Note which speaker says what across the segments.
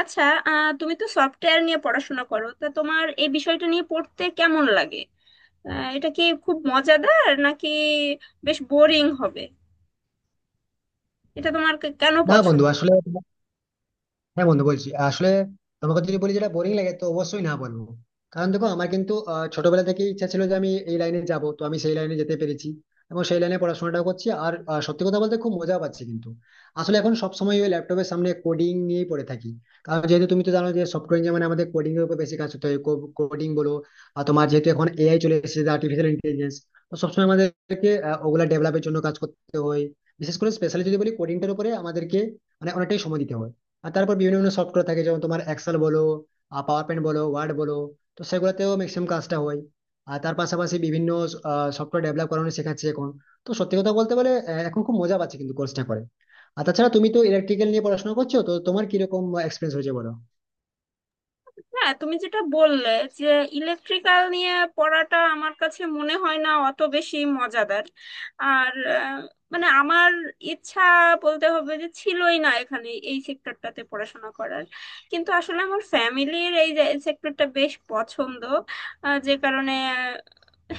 Speaker 1: আচ্ছা। তুমি তো সফটওয়্যার নিয়ে পড়াশোনা করো, তা তোমার এই বিষয়টা নিয়ে পড়তে কেমন লাগে? এটা কি খুব মজাদার, নাকি বেশ বোরিং হবে? এটা তোমার কেন
Speaker 2: না, বন্ধু,
Speaker 1: পছন্দ?
Speaker 2: আসলে হ্যাঁ বন্ধু, বলছি আসলে তোমাকে যদি বলি যেটা বোরিং লাগে তো অবশ্যই না বলবো। কারণ দেখো, আমার কিন্তু ছোটবেলা থেকে ইচ্ছা ছিল যে আমি এই লাইনে যাব, তো আমি সেই লাইনে যেতে পেরেছি। এবং সেই লাইনে পড়াশোনাটাও করছি। আর সত্যি কথা বলতে খুব মজা পাচ্ছি, কিন্তু আসলে এখন সবসময় ওই ল্যাপটপের সামনে কোডিং নিয়েই পড়ে থাকি। কারণ যেহেতু তুমি তো জানো যে সফটওয়্যার ইঞ্জিনিয়ার মানে আমাদের কোডিং এর উপর বেশি কাজ করতে হয়। কোডিং বলো আর তোমার, যেহেতু এখন এআই চলে এসেছে, আর্টিফিশিয়াল ইন্টেলিজেন্স, তো সবসময় আমাদেরকে ওগুলা ডেভেলপের জন্য কাজ করতে হয়। বিশেষ করে স্পেশালি যদি বলি কোডিংটার উপরে আমাদেরকে মানে অনেকটাই সময় দিতে হয়। আর তারপর বিভিন্ন বিভিন্ন সফটওয়্যার থাকে, যেমন তোমার এক্সেল বলো, পাওয়ার পয়েন্ট বলো, ওয়ার্ড বলো, তো সেগুলোতেও ম্যাক্সিমাম কাজটা হয়। আর তার পাশাপাশি বিভিন্ন সফটওয়্যার ডেভেলপ করানো শেখাচ্ছে এখন। তো সত্যি কথা বলতে বলে এখন খুব মজা পাচ্ছে কিন্তু কোর্সটা করে। আর তাছাড়া তুমি তো ইলেকট্রিক্যাল নিয়ে পড়াশোনা করছো, তো তোমার কিরকম এক্সপিরিয়েন্স হয়েছে বলো।
Speaker 1: হ্যাঁ, তুমি যেটা বললে যে ইলেকট্রিক্যাল নিয়ে পড়াটা আমার কাছে মনে হয় না অত বেশি মজাদার। আর মানে আমার ইচ্ছা বলতে হবে যে ছিলই না এখানে এই সেক্টরটাতে পড়াশোনা করার, কিন্তু আসলে আমার ফ্যামিলির এই সেক্টরটা বেশ পছন্দ। যে কারণে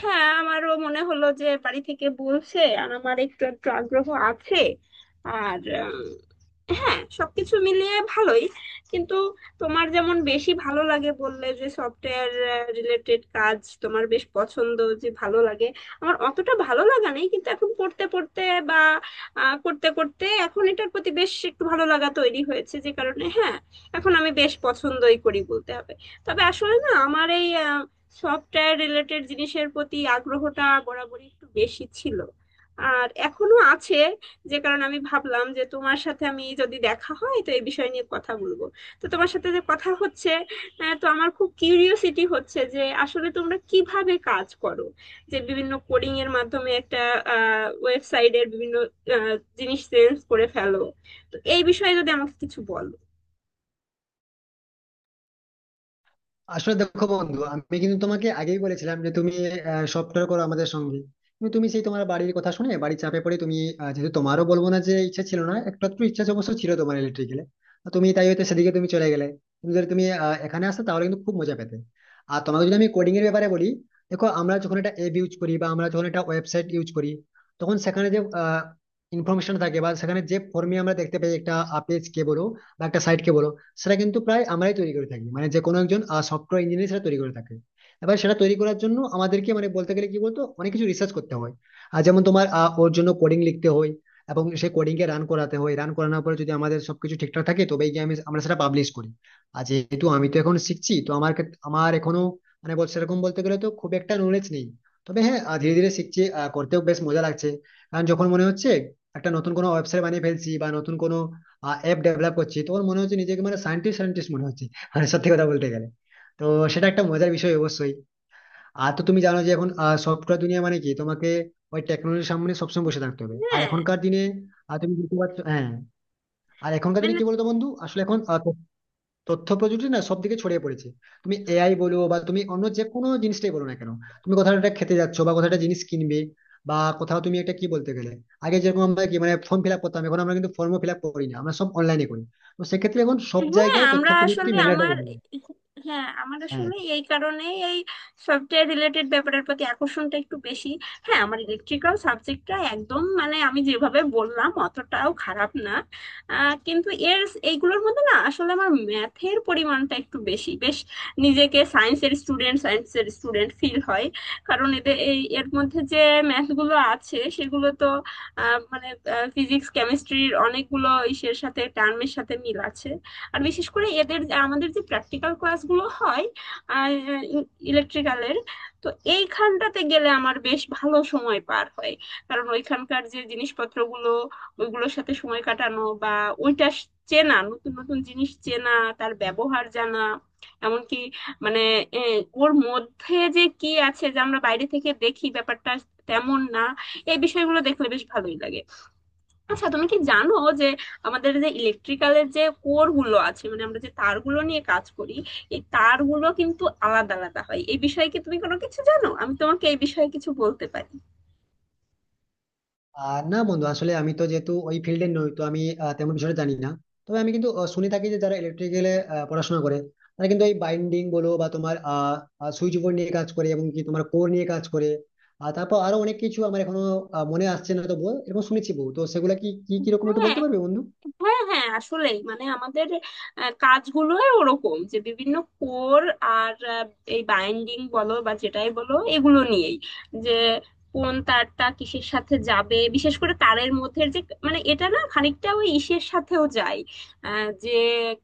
Speaker 1: হ্যাঁ, আমারও মনে হলো যে বাড়ি থেকে বলছে আর আমার একটু একটু আগ্রহ আছে আর হ্যাঁ, সবকিছু মিলিয়ে ভালোই। কিন্তু তোমার যেমন বেশি ভালো লাগে বললে যে সফটওয়্যার রিলেটেড কাজ তোমার বেশ পছন্দ, যে ভালো লাগে, আমার অতটা ভালো লাগা নেই। কিন্তু এখন পড়তে পড়তে বা করতে করতে এখন এটার প্রতি বেশ একটু ভালো লাগা তৈরি হয়েছে, যে কারণে হ্যাঁ, এখন আমি বেশ পছন্দই করি বলতে হবে। তবে আসলে না, আমার এই সফটওয়্যার রিলেটেড জিনিসের প্রতি আগ্রহটা বরাবরই একটু বেশি ছিল আর এখনো আছে, যে কারণে আমি ভাবলাম যে তোমার সাথে আমি যদি দেখা হয় তো এই বিষয় নিয়ে কথা বলবো। তো তোমার সাথে যে কথা হচ্ছে, তো আমার খুব কিউরিওসিটি হচ্ছে যে আসলে তোমরা কিভাবে কাজ করো, যে বিভিন্ন কোডিং এর মাধ্যমে একটা ওয়েবসাইটের বিভিন্ন জিনিস চেঞ্জ করে ফেলো। তো এই বিষয়ে যদি আমাকে কিছু বলো।
Speaker 2: আসলে দেখো বন্ধু, আমি কিন্তু তোমাকে আগেই বলেছিলাম যে তুমি সফটওয়্যার করো আমাদের সঙ্গে। কিন্তু তুমি সেই তোমার বাড়ির কথা শুনে, বাড়ির চাপে পড়ে তুমি যেহেতু, তোমারও বলবো না যে ইচ্ছা ছিল না, একটু একটু ইচ্ছা অবশ্য ছিল তোমার ইলেকট্রিক্যালে। তুমি তাই হয়তো সেদিকে তুমি চলে গেলে। তুমি যদি এখানে আসতে তাহলে কিন্তু খুব মজা পেতে। আর তোমাকে যদি আমি কোডিং এর ব্যাপারে বলি, দেখো, আমরা যখন একটা অ্যাপ ইউজ করি বা আমরা যখন একটা ওয়েবসাইট ইউজ করি, তখন সেখানে যে ইনফরমেশন থাকে বা সেখানে যে ফর্মে আমরা দেখতে পাই, একটা পেজ কে বলো বা একটা সাইট কে বলো, সেটা কিন্তু প্রায় আমরাই তৈরি করে থাকি, মানে যে কোনো একজন সফটওয়্যার ইঞ্জিনিয়ার সেটা তৈরি করে থাকে। এবার সেটা তৈরি করার জন্য আমাদেরকে মানে বলতে গেলে কি বলতো, অনেক কিছু রিসার্চ করতে হয়। আর যেমন তোমার ওর জন্য কোডিং লিখতে হয় এবং সেই কোডিং কে রান করাতে হয়। রান করানোর পরে যদি আমাদের সবকিছু ঠিকঠাক থাকে তবেই গিয়ে আমরা সেটা পাবলিশ করি। আর যেহেতু আমি তো এখন শিখছি, তো আমার আমার এখনো মানে বল, সেরকম বলতে গেলে তো খুব একটা নলেজ নেই। তবে হ্যাঁ, ধীরে ধীরে শিখছি, করতেও বেশ মজা লাগছে। কারণ যখন মনে হচ্ছে একটা নতুন কোনো ওয়েবসাইট বানিয়ে ফেলছি বা নতুন কোনো অ্যাপ ডেভেলপ করছি, তো ওর মনে হচ্ছে নিজেকে মানে সায়েন্টিস্ট সায়েন্টিস্ট মনে হচ্ছে, মানে সত্যি কথা বলতে গেলে। তো সেটা একটা মজার বিষয় অবশ্যই। আর তো তুমি জানো যে এখন সফটওয়্যার দুনিয়া মানে কি, তোমাকে ওই টেকনোলজির সামনে সবসময় বসে থাকতে হবে আর
Speaker 1: হ্যাঁ,
Speaker 2: এখনকার দিনে। আর তুমি বুঝতে পারছো, হ্যাঁ। আর এখনকার দিনে
Speaker 1: মানে
Speaker 2: কি বলতো বন্ধু, আসলে এখন তথ্য প্রযুক্তি না সব দিকে ছড়িয়ে পড়েছে। তুমি এআই বলো বা তুমি অন্য যে কোনো জিনিসটাই বলো না কেন, তুমি কোথাও একটা খেতে যাচ্ছ বা কোথাও একটা জিনিস কিনবে বা কোথাও তুমি একটা কি বলতে গেলে, আগে যেরকম আমরা কি মানে ফর্ম ফিল আপ করতাম, এখন আমরা কিন্তু ফর্ম ফিল আপ করি না, আমরা সব অনলাইনে করি। তো সেক্ষেত্রে এখন সব
Speaker 1: হ্যাঁ
Speaker 2: জায়গায় তথ্য
Speaker 1: আমরা
Speaker 2: প্রযুক্তি
Speaker 1: আসলে
Speaker 2: ম্যান্ডেটরি।
Speaker 1: আমার হ্যাঁ, আমার
Speaker 2: হ্যাঁ।
Speaker 1: আসলে এই কারণেই এই সফটওয়্যার রিলেটেড ব্যাপারের প্রতি আকর্ষণটা একটু বেশি। হ্যাঁ, আমার ইলেকট্রিক্যাল সাবজেক্টটা একদম মানে আমি যেভাবে বললাম অতটাও খারাপ না। কিন্তু এর এইগুলোর মধ্যে না আসলে আমার ম্যাথের পরিমাণটা একটু বেশি, বেশ নিজেকে সায়েন্সের স্টুডেন্ট ফিল হয়। কারণ এদের এই এর মধ্যে যে ম্যাথগুলো আছে সেগুলো তো মানে ফিজিক্স কেমিস্ট্রির অনেকগুলো ইসের সাথে টার্মের সাথে মিল আছে। আর বিশেষ করে এদের আমাদের যে প্র্যাকটিক্যাল ক্লাসগুলো হয় ইলেকট্রিক্যালের, তো এইখানটাতে গেলে আমার বেশ ভালো সময় পার হয়। কারণ ওইখানকার যে জিনিসপত্রগুলো, ওইগুলোর সাথে সময় কাটানো বা চেনা, নতুন নতুন জিনিস চেনা, তার ব্যবহার জানা, এমনকি মানে এ, ওর মধ্যে যে কি আছে, যা আমরা বাইরে থেকে দেখি ব্যাপারটা তেমন না, এই বিষয়গুলো দেখলে বেশ ভালোই লাগে। আচ্ছা, তুমি কি জানো যে আমাদের যে ইলেকট্রিক্যালের যে কোর গুলো আছে মানে আমরা যে তারগুলো নিয়ে কাজ করি, এই তারগুলো কিন্তু আলাদা আলাদা হয়? এই বিষয়ে কি তুমি কোনো কিছু জানো? আমি তোমাকে এই বিষয়ে কিছু বলতে পারি।
Speaker 2: না বন্ধু, আসলে আমি তো যেহেতু ওই ফিল্ডে নই, তো আমি তেমন বিষয়টা জানি না। তবে আমি কিন্তু শুনে থাকি যে যারা ইলেকট্রিক্যালে পড়াশোনা করে, তারা কিন্তু এই বাইন্ডিং বলো বা তোমার সুইচ বোর্ড নিয়ে কাজ করে এবং কি তোমার কোর নিয়ে কাজ করে। আর তারপর আরো অনেক কিছু আমার এখনো মনে আসছে না, তো বল এরকম শুনেছি বহু, তো সেগুলা কি কি কিরকম একটু
Speaker 1: হ্যাঁ
Speaker 2: বলতে পারবে বন্ধু।
Speaker 1: হ্যাঁ হ্যাঁ আসলেই মানে আমাদের কাজগুলোই ওরকম যে বিভিন্ন কোর আর এই বাইন্ডিং বলো বা যেটাই বলো, এগুলো নিয়েই, যে কোন তারটা কিসের সাথে যাবে। বিশেষ করে তারের মধ্যে যে মানে, এটা না খানিকটা ওই ইসের সাথেও যায়, যে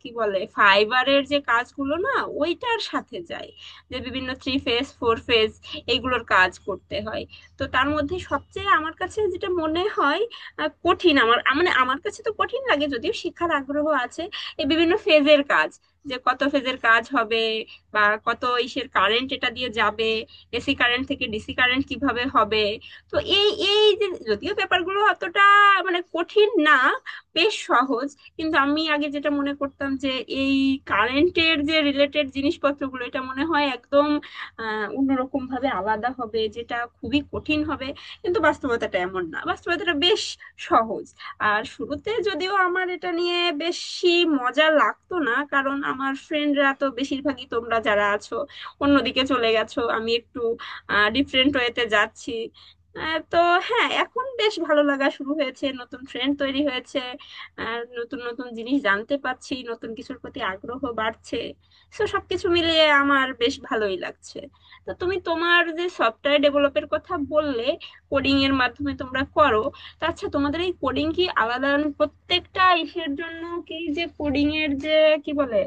Speaker 1: কি বলে ফাইবারের যে কাজগুলো না, ওইটার সাথে যায়, যে বিভিন্ন থ্রি ফেজ ফোর ফেজ এইগুলোর কাজ করতে হয়। তো তার মধ্যে সবচেয়ে আমার কাছে যেটা মনে হয় কঠিন, মানে আমার কাছে তো কঠিন লাগে যদিও শিক্ষার আগ্রহ আছে, এই বিভিন্ন ফেজের কাজ, যে কত ফেজের কাজ হবে বা কত ইসের কারেন্ট এটা দিয়ে যাবে, এসি কারেন্ট থেকে ডিসি কারেন্ট কিভাবে হবে। তো এই এই যে যদিও ব্যাপারগুলো অতটা মানে কঠিন না, বেশ সহজ, কিন্তু আমি আগে যেটা মনে করতাম যে এই কারেন্টের যে রিলেটেড জিনিসপত্রগুলো এটা মনে হয় একদম অন্যরকম ভাবে আলাদা হবে, যেটা খুবই কঠিন হবে, কিন্তু বাস্তবতাটা এমন না, বাস্তবতাটা বেশ সহজ। আর শুরুতে যদিও আমার এটা নিয়ে বেশি মজা লাগতো না, কারণ আমার ফ্রেন্ডরা তো বেশিরভাগই তোমরা যারা আছো অন্যদিকে চলে গেছো, আমি একটু ডিফারেন্ট ওয়েতে যাচ্ছি। তো হ্যাঁ, এখন বেশ ভালো লাগা শুরু হয়েছে, নতুন ফ্রেন্ড তৈরি হয়েছে আর নতুন নতুন জিনিস জানতে পারছি, নতুন কিছুর প্রতি আগ্রহ বাড়ছে। তো সবকিছু মিলিয়ে আমার বেশ ভালোই লাগছে। তো তুমি, তোমার যে সফটওয়্যার ডেভেলপের কথা বললে, কোডিং এর মাধ্যমে তোমরা করো, তো আচ্ছা তোমাদের এই কোডিং কি আলাদা মানে প্রত্যেকটা ইসের জন্য, কি যে কোডিং এর যে কি বলে,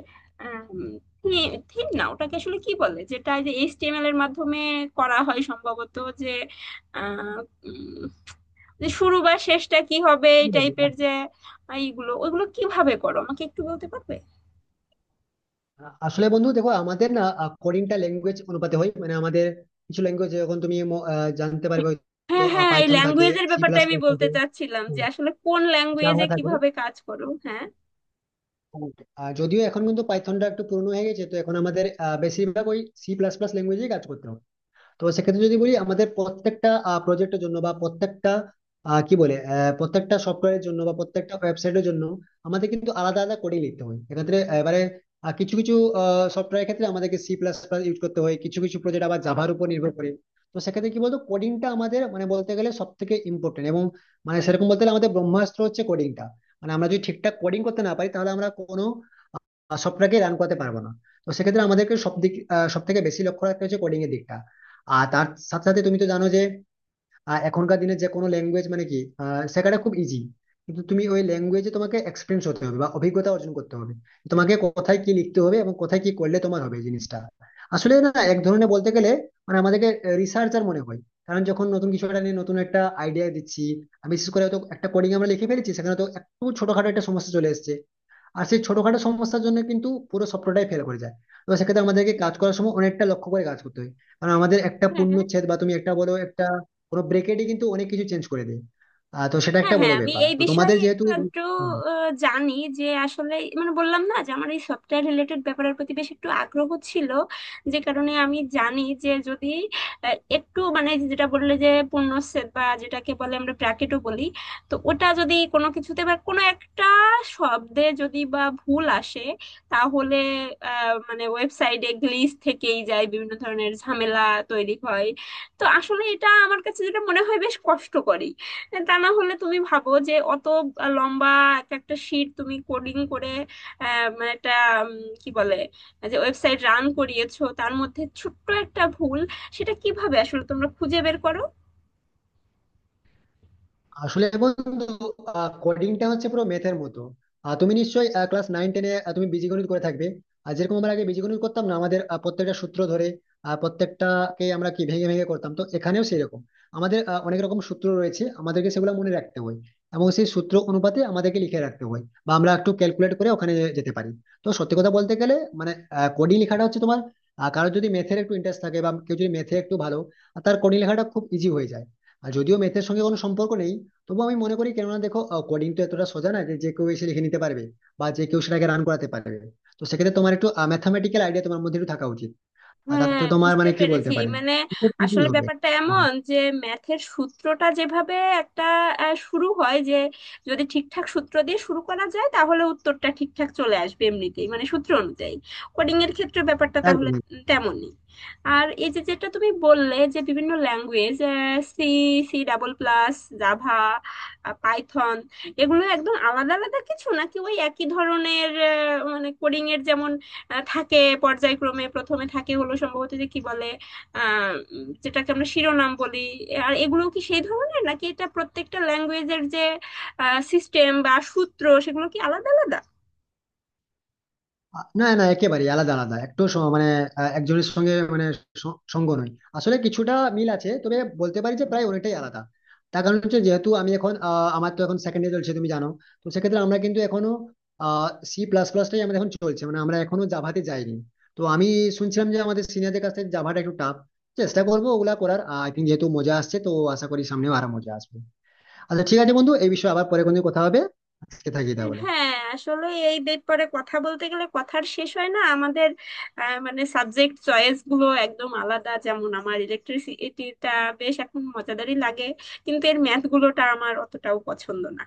Speaker 1: থিম না ওটাকে আসলে কি বলে, যেটা এই যে এইচটিএমএল এর মাধ্যমে করা হয় সম্ভবত, যে আহ, উম, যে শুরু বা শেষটা কি হবে এই টাইপের যে, এইগুলো ওইগুলো কিভাবে করো আমাকে একটু বলতে পারবে?
Speaker 2: আসলে বন্ধু দেখো, আমাদের না কোডিংটা ল্যাঙ্গুয়েজ অনুপাতে হয়, মানে আমাদের কিছু ল্যাঙ্গুয়েজ যখন তুমি জানতে পারবে হয়তো।
Speaker 1: হ্যাঁ হ্যাঁ, এই
Speaker 2: পাইথন থাকে,
Speaker 1: ল্যাঙ্গুয়েজের
Speaker 2: সি
Speaker 1: ব্যাপারটা
Speaker 2: প্লাস
Speaker 1: আমি
Speaker 2: প্লাস
Speaker 1: বলতে
Speaker 2: থাকে,
Speaker 1: চাচ্ছিলাম যে আসলে কোন
Speaker 2: জাভা
Speaker 1: ল্যাঙ্গুয়েজে
Speaker 2: থাকে।
Speaker 1: কিভাবে কাজ করো, হ্যাঁ
Speaker 2: আর যদিও এখন কিন্তু পাইথনটা একটু পুরনো হয়ে গেছে, তো এখন আমাদের বেশিরভাগ ওই সি প্লাস প্লাস ল্যাঙ্গুয়েজে কাজ করতে হবে। তো সেক্ষেত্রে যদি বলি আমাদের প্রত্যেকটা প্রজেক্টের জন্য বা প্রত্যেকটা কি বলে প্রত্যেকটা সফটওয়্যারের জন্য বা প্রত্যেকটা ওয়েবসাইটের জন্য আমাদের কিন্তু আলাদা আলাদা কোডিং লিখতে হয়। এক্ষেত্রে এবারে কিছু কিছু সফটওয়্যারের ক্ষেত্রে আমাদেরকে সি প্লাস প্লাস ইউজ করতে হয়, কিছু কিছু প্রজেক্ট আবার জাভার উপর নির্ভর করে। তো সেক্ষেত্রে কি বলতো, কোডিংটা আমাদের মানে বলতে গেলে সব থেকে ইম্পর্টেন্ট, এবং মানে সেরকম বলতে গেলে আমাদের ব্রহ্মাস্ত্র হচ্ছে কোডিংটা। মানে আমরা যদি ঠিকঠাক কোডিং করতে না পারি তাহলে আমরা কোনো সবটাকে রান করাতে পারবো না। তো সেক্ষেত্রে আমাদেরকে সব দিক সব থেকে বেশি লক্ষ্য রাখতে হচ্ছে কোডিং এর দিকটা। আর তার সাথে সাথে তুমি তো জানো যে এখনকার দিনে যে কোনো ল্যাঙ্গুয়েজ মানে কি শেখাটা খুব ইজি। কিন্তু তুমি ওই ল্যাঙ্গুয়েজে তোমাকে এক্সপিরিয়েন্স হতে হবে বা অভিজ্ঞতা অর্জন করতে হবে। তোমাকে কোথায় কি লিখতে হবে এবং কোথায় কি করলে তোমার হবে, এই জিনিসটা আসলে না এক ধরনের বলতে গেলে মানে আমাদেরকে রিসার্চার মনে হয়। কারণ যখন নতুন কিছু একটা নিয়ে নতুন একটা আইডিয়া দিচ্ছি, আর বিশেষ করে হয়তো একটা কোডিং আমরা লিখে ফেলেছি, সেখানে তো একটু ছোটখাটো একটা সমস্যা চলে এসেছে। আর সেই ছোটখাটো সমস্যার জন্য কিন্তু পুরো সফটওয়্যারটাই ফেল করে যায়। তো সেক্ষেত্রে আমাদেরকে কাজ করার সময় অনেকটা লক্ষ্য করে কাজ করতে হয়। কারণ আমাদের একটা
Speaker 1: হ্যাঁ
Speaker 2: পূর্ণচ্ছেদ বা তুমি একটা বলো একটা কোনো ব্রেকেটই কিন্তু অনেক কিছু চেঞ্জ করে দেয়। তো সেটা
Speaker 1: হ্যাঁ
Speaker 2: একটা বড়
Speaker 1: হ্যাঁ আমি
Speaker 2: ব্যাপার,
Speaker 1: এই
Speaker 2: তো
Speaker 1: বিষয়ে
Speaker 2: তোমাদের যেহেতু।
Speaker 1: একটু আধটু
Speaker 2: হুম।
Speaker 1: জানি যে আসলে, মানে বললাম না যে আমার এই সফটওয়্যার রিলেটেড ব্যাপারের প্রতি বেশ একটু আগ্রহ ছিল, যে কারণে আমি জানি যে যদি একটু মানে যেটা বললে যে পূর্ণচ্ছেদ বা যেটাকে বলে আমরা ব্র্যাকেটও বলি, তো ওটা যদি কোনো কিছুতে বা কোনো একটা শব্দে যদি বা ভুল আসে, তাহলে মানে ওয়েবসাইটে গ্লিচ থেকেই যায়, বিভিন্ন ধরনের ঝামেলা তৈরি হয়। তো আসলে এটা আমার কাছে যেটা মনে হয় বেশ কষ্টকরই, তা না হলে তুমি ভাবো যে অত লম্বা এক একটা শিট তুমি কোডিং করে মানে একটা উম, কি বলে যে ওয়েবসাইট রান করিয়েছো, তার মধ্যে ছোট্ট একটা ভুল সেটা কিভাবে আসলে তোমরা খুঁজে বের করো?
Speaker 2: আসলে বন্ধু, কোডিংটা হচ্ছে পুরো ম্যাথের মতো। তুমি নিশ্চয়ই ক্লাস নাইন টেনে তুমি বীজগণিত করে থাকবে। আর যেরকম আমরা আগে বীজগণিত করতাম না, আমাদের প্রত্যেকটা সূত্র ধরে প্রত্যেকটাকে আমরা কি ভেঙে ভেঙে করতাম, তো এখানেও সেরকম। আমাদের অনেক রকম সূত্র রয়েছে, আমাদেরকে সেগুলো মনে রাখতে হয় এবং সেই সূত্র অনুপাতে আমাদেরকে লিখে রাখতে হয় বা আমরা একটু ক্যালকুলেট করে ওখানে যেতে পারি। তো সত্যি কথা বলতে গেলে মানে কোডিং লেখাটা হচ্ছে তোমার, কারোর যদি ম্যাথের একটু ইন্টারেস্ট থাকে বা কেউ যদি ম্যাথে একটু ভালো, তার কোডিং লেখাটা খুব ইজি হয়ে যায়। আর যদিও ম্যাথের সঙ্গে কোনো সম্পর্ক নেই, তবুও আমি মনে করি, কেননা দেখো, কোডিং তো এতটা সোজা না যে যে কেউ এসে লিখে নিতে পারবে বা যে কেউ সেটাকে রান করাতে পারবে। তো সেক্ষেত্রে তোমার একটু ম্যাথামেটিক্যাল আইডিয়া তোমার মধ্যে একটু থাকা উচিত। আর
Speaker 1: হ্যাঁ,
Speaker 2: তাতে তোমার
Speaker 1: বুঝতে
Speaker 2: মানে কি বলতে
Speaker 1: পেরেছি
Speaker 2: পারে,
Speaker 1: মানে,
Speaker 2: খুব ইজি
Speaker 1: আসলে
Speaker 2: হবে।
Speaker 1: ব্যাপারটা
Speaker 2: হ্যাঁ,
Speaker 1: এমন যে ম্যাথের সূত্রটা যেভাবে একটা শুরু হয়, যে যদি ঠিকঠাক সূত্র দিয়ে শুরু করা যায় তাহলে উত্তরটা ঠিকঠাক চলে আসবে এমনিতেই, মানে সূত্র অনুযায়ী। কোডিং এর ক্ষেত্রে ব্যাপারটা তাহলে
Speaker 2: একদম।
Speaker 1: তেমনই। আর এই যে যেটা তুমি বললে যে বিভিন্ন language, C, C double plus, Java, Python, এগুলো একদম আলাদা আলাদা কিছু নাকি ওই একই ধরনের? মানে কোডিং এর যেমন থাকে পর্যায়ক্রমে, প্রথমে থাকে হলো সম্ভবত যে কি বলে যেটাকে আমরা শিরোনাম বলি, আর এগুলো কি সেই ধরনের নাকি এটা প্রত্যেকটা ল্যাঙ্গুয়েজের যে সিস্টেম বা সূত্র সেগুলো কি আলাদা আলাদা?
Speaker 2: না, না, একেবারে আলাদা আলাদা, একটু মানে একজনের সঙ্গে মানে সঙ্গ নয়, আসলে কিছুটা মিল আছে, তবে বলতে পারি যে প্রায় অনেকটাই আলাদা। তার কারণ হচ্ছে যেহেতু আমি এখন আমার তো এখন সেকেন্ড ইয়ার চলছে তুমি জানো। তো সেক্ষেত্রে আমরা কিন্তু এখনো সি প্লাস প্লাসটাই আমাদের এখন চলছে, মানে আমরা এখনো জাভাতে যাইনি। তো আমি শুনছিলাম যে আমাদের সিনিয়রদের কাছ থেকে জাভাটা একটু টাফ। চেষ্টা করবো ওগুলা করার, আই থিঙ্ক যেহেতু মজা আসছে, তো আশা করি সামনেও আরো মজা আসবে। আচ্ছা ঠিক আছে বন্ধু, এই বিষয়ে আবার পরে কোনো কথা হবে, আজকে থাকি তাহলে।
Speaker 1: হ্যাঁ, আসলে এই ব্যাপারে কথা বলতে গেলে কথার শেষ হয় না আমাদের। মানে সাবজেক্ট চয়েস গুলো একদম আলাদা। যেমন আমার ইলেকট্রিসিটিটা বেশ এখন মজাদারই লাগে, কিন্তু এর ম্যাথ গুলোটা আমার অতটাও পছন্দ না।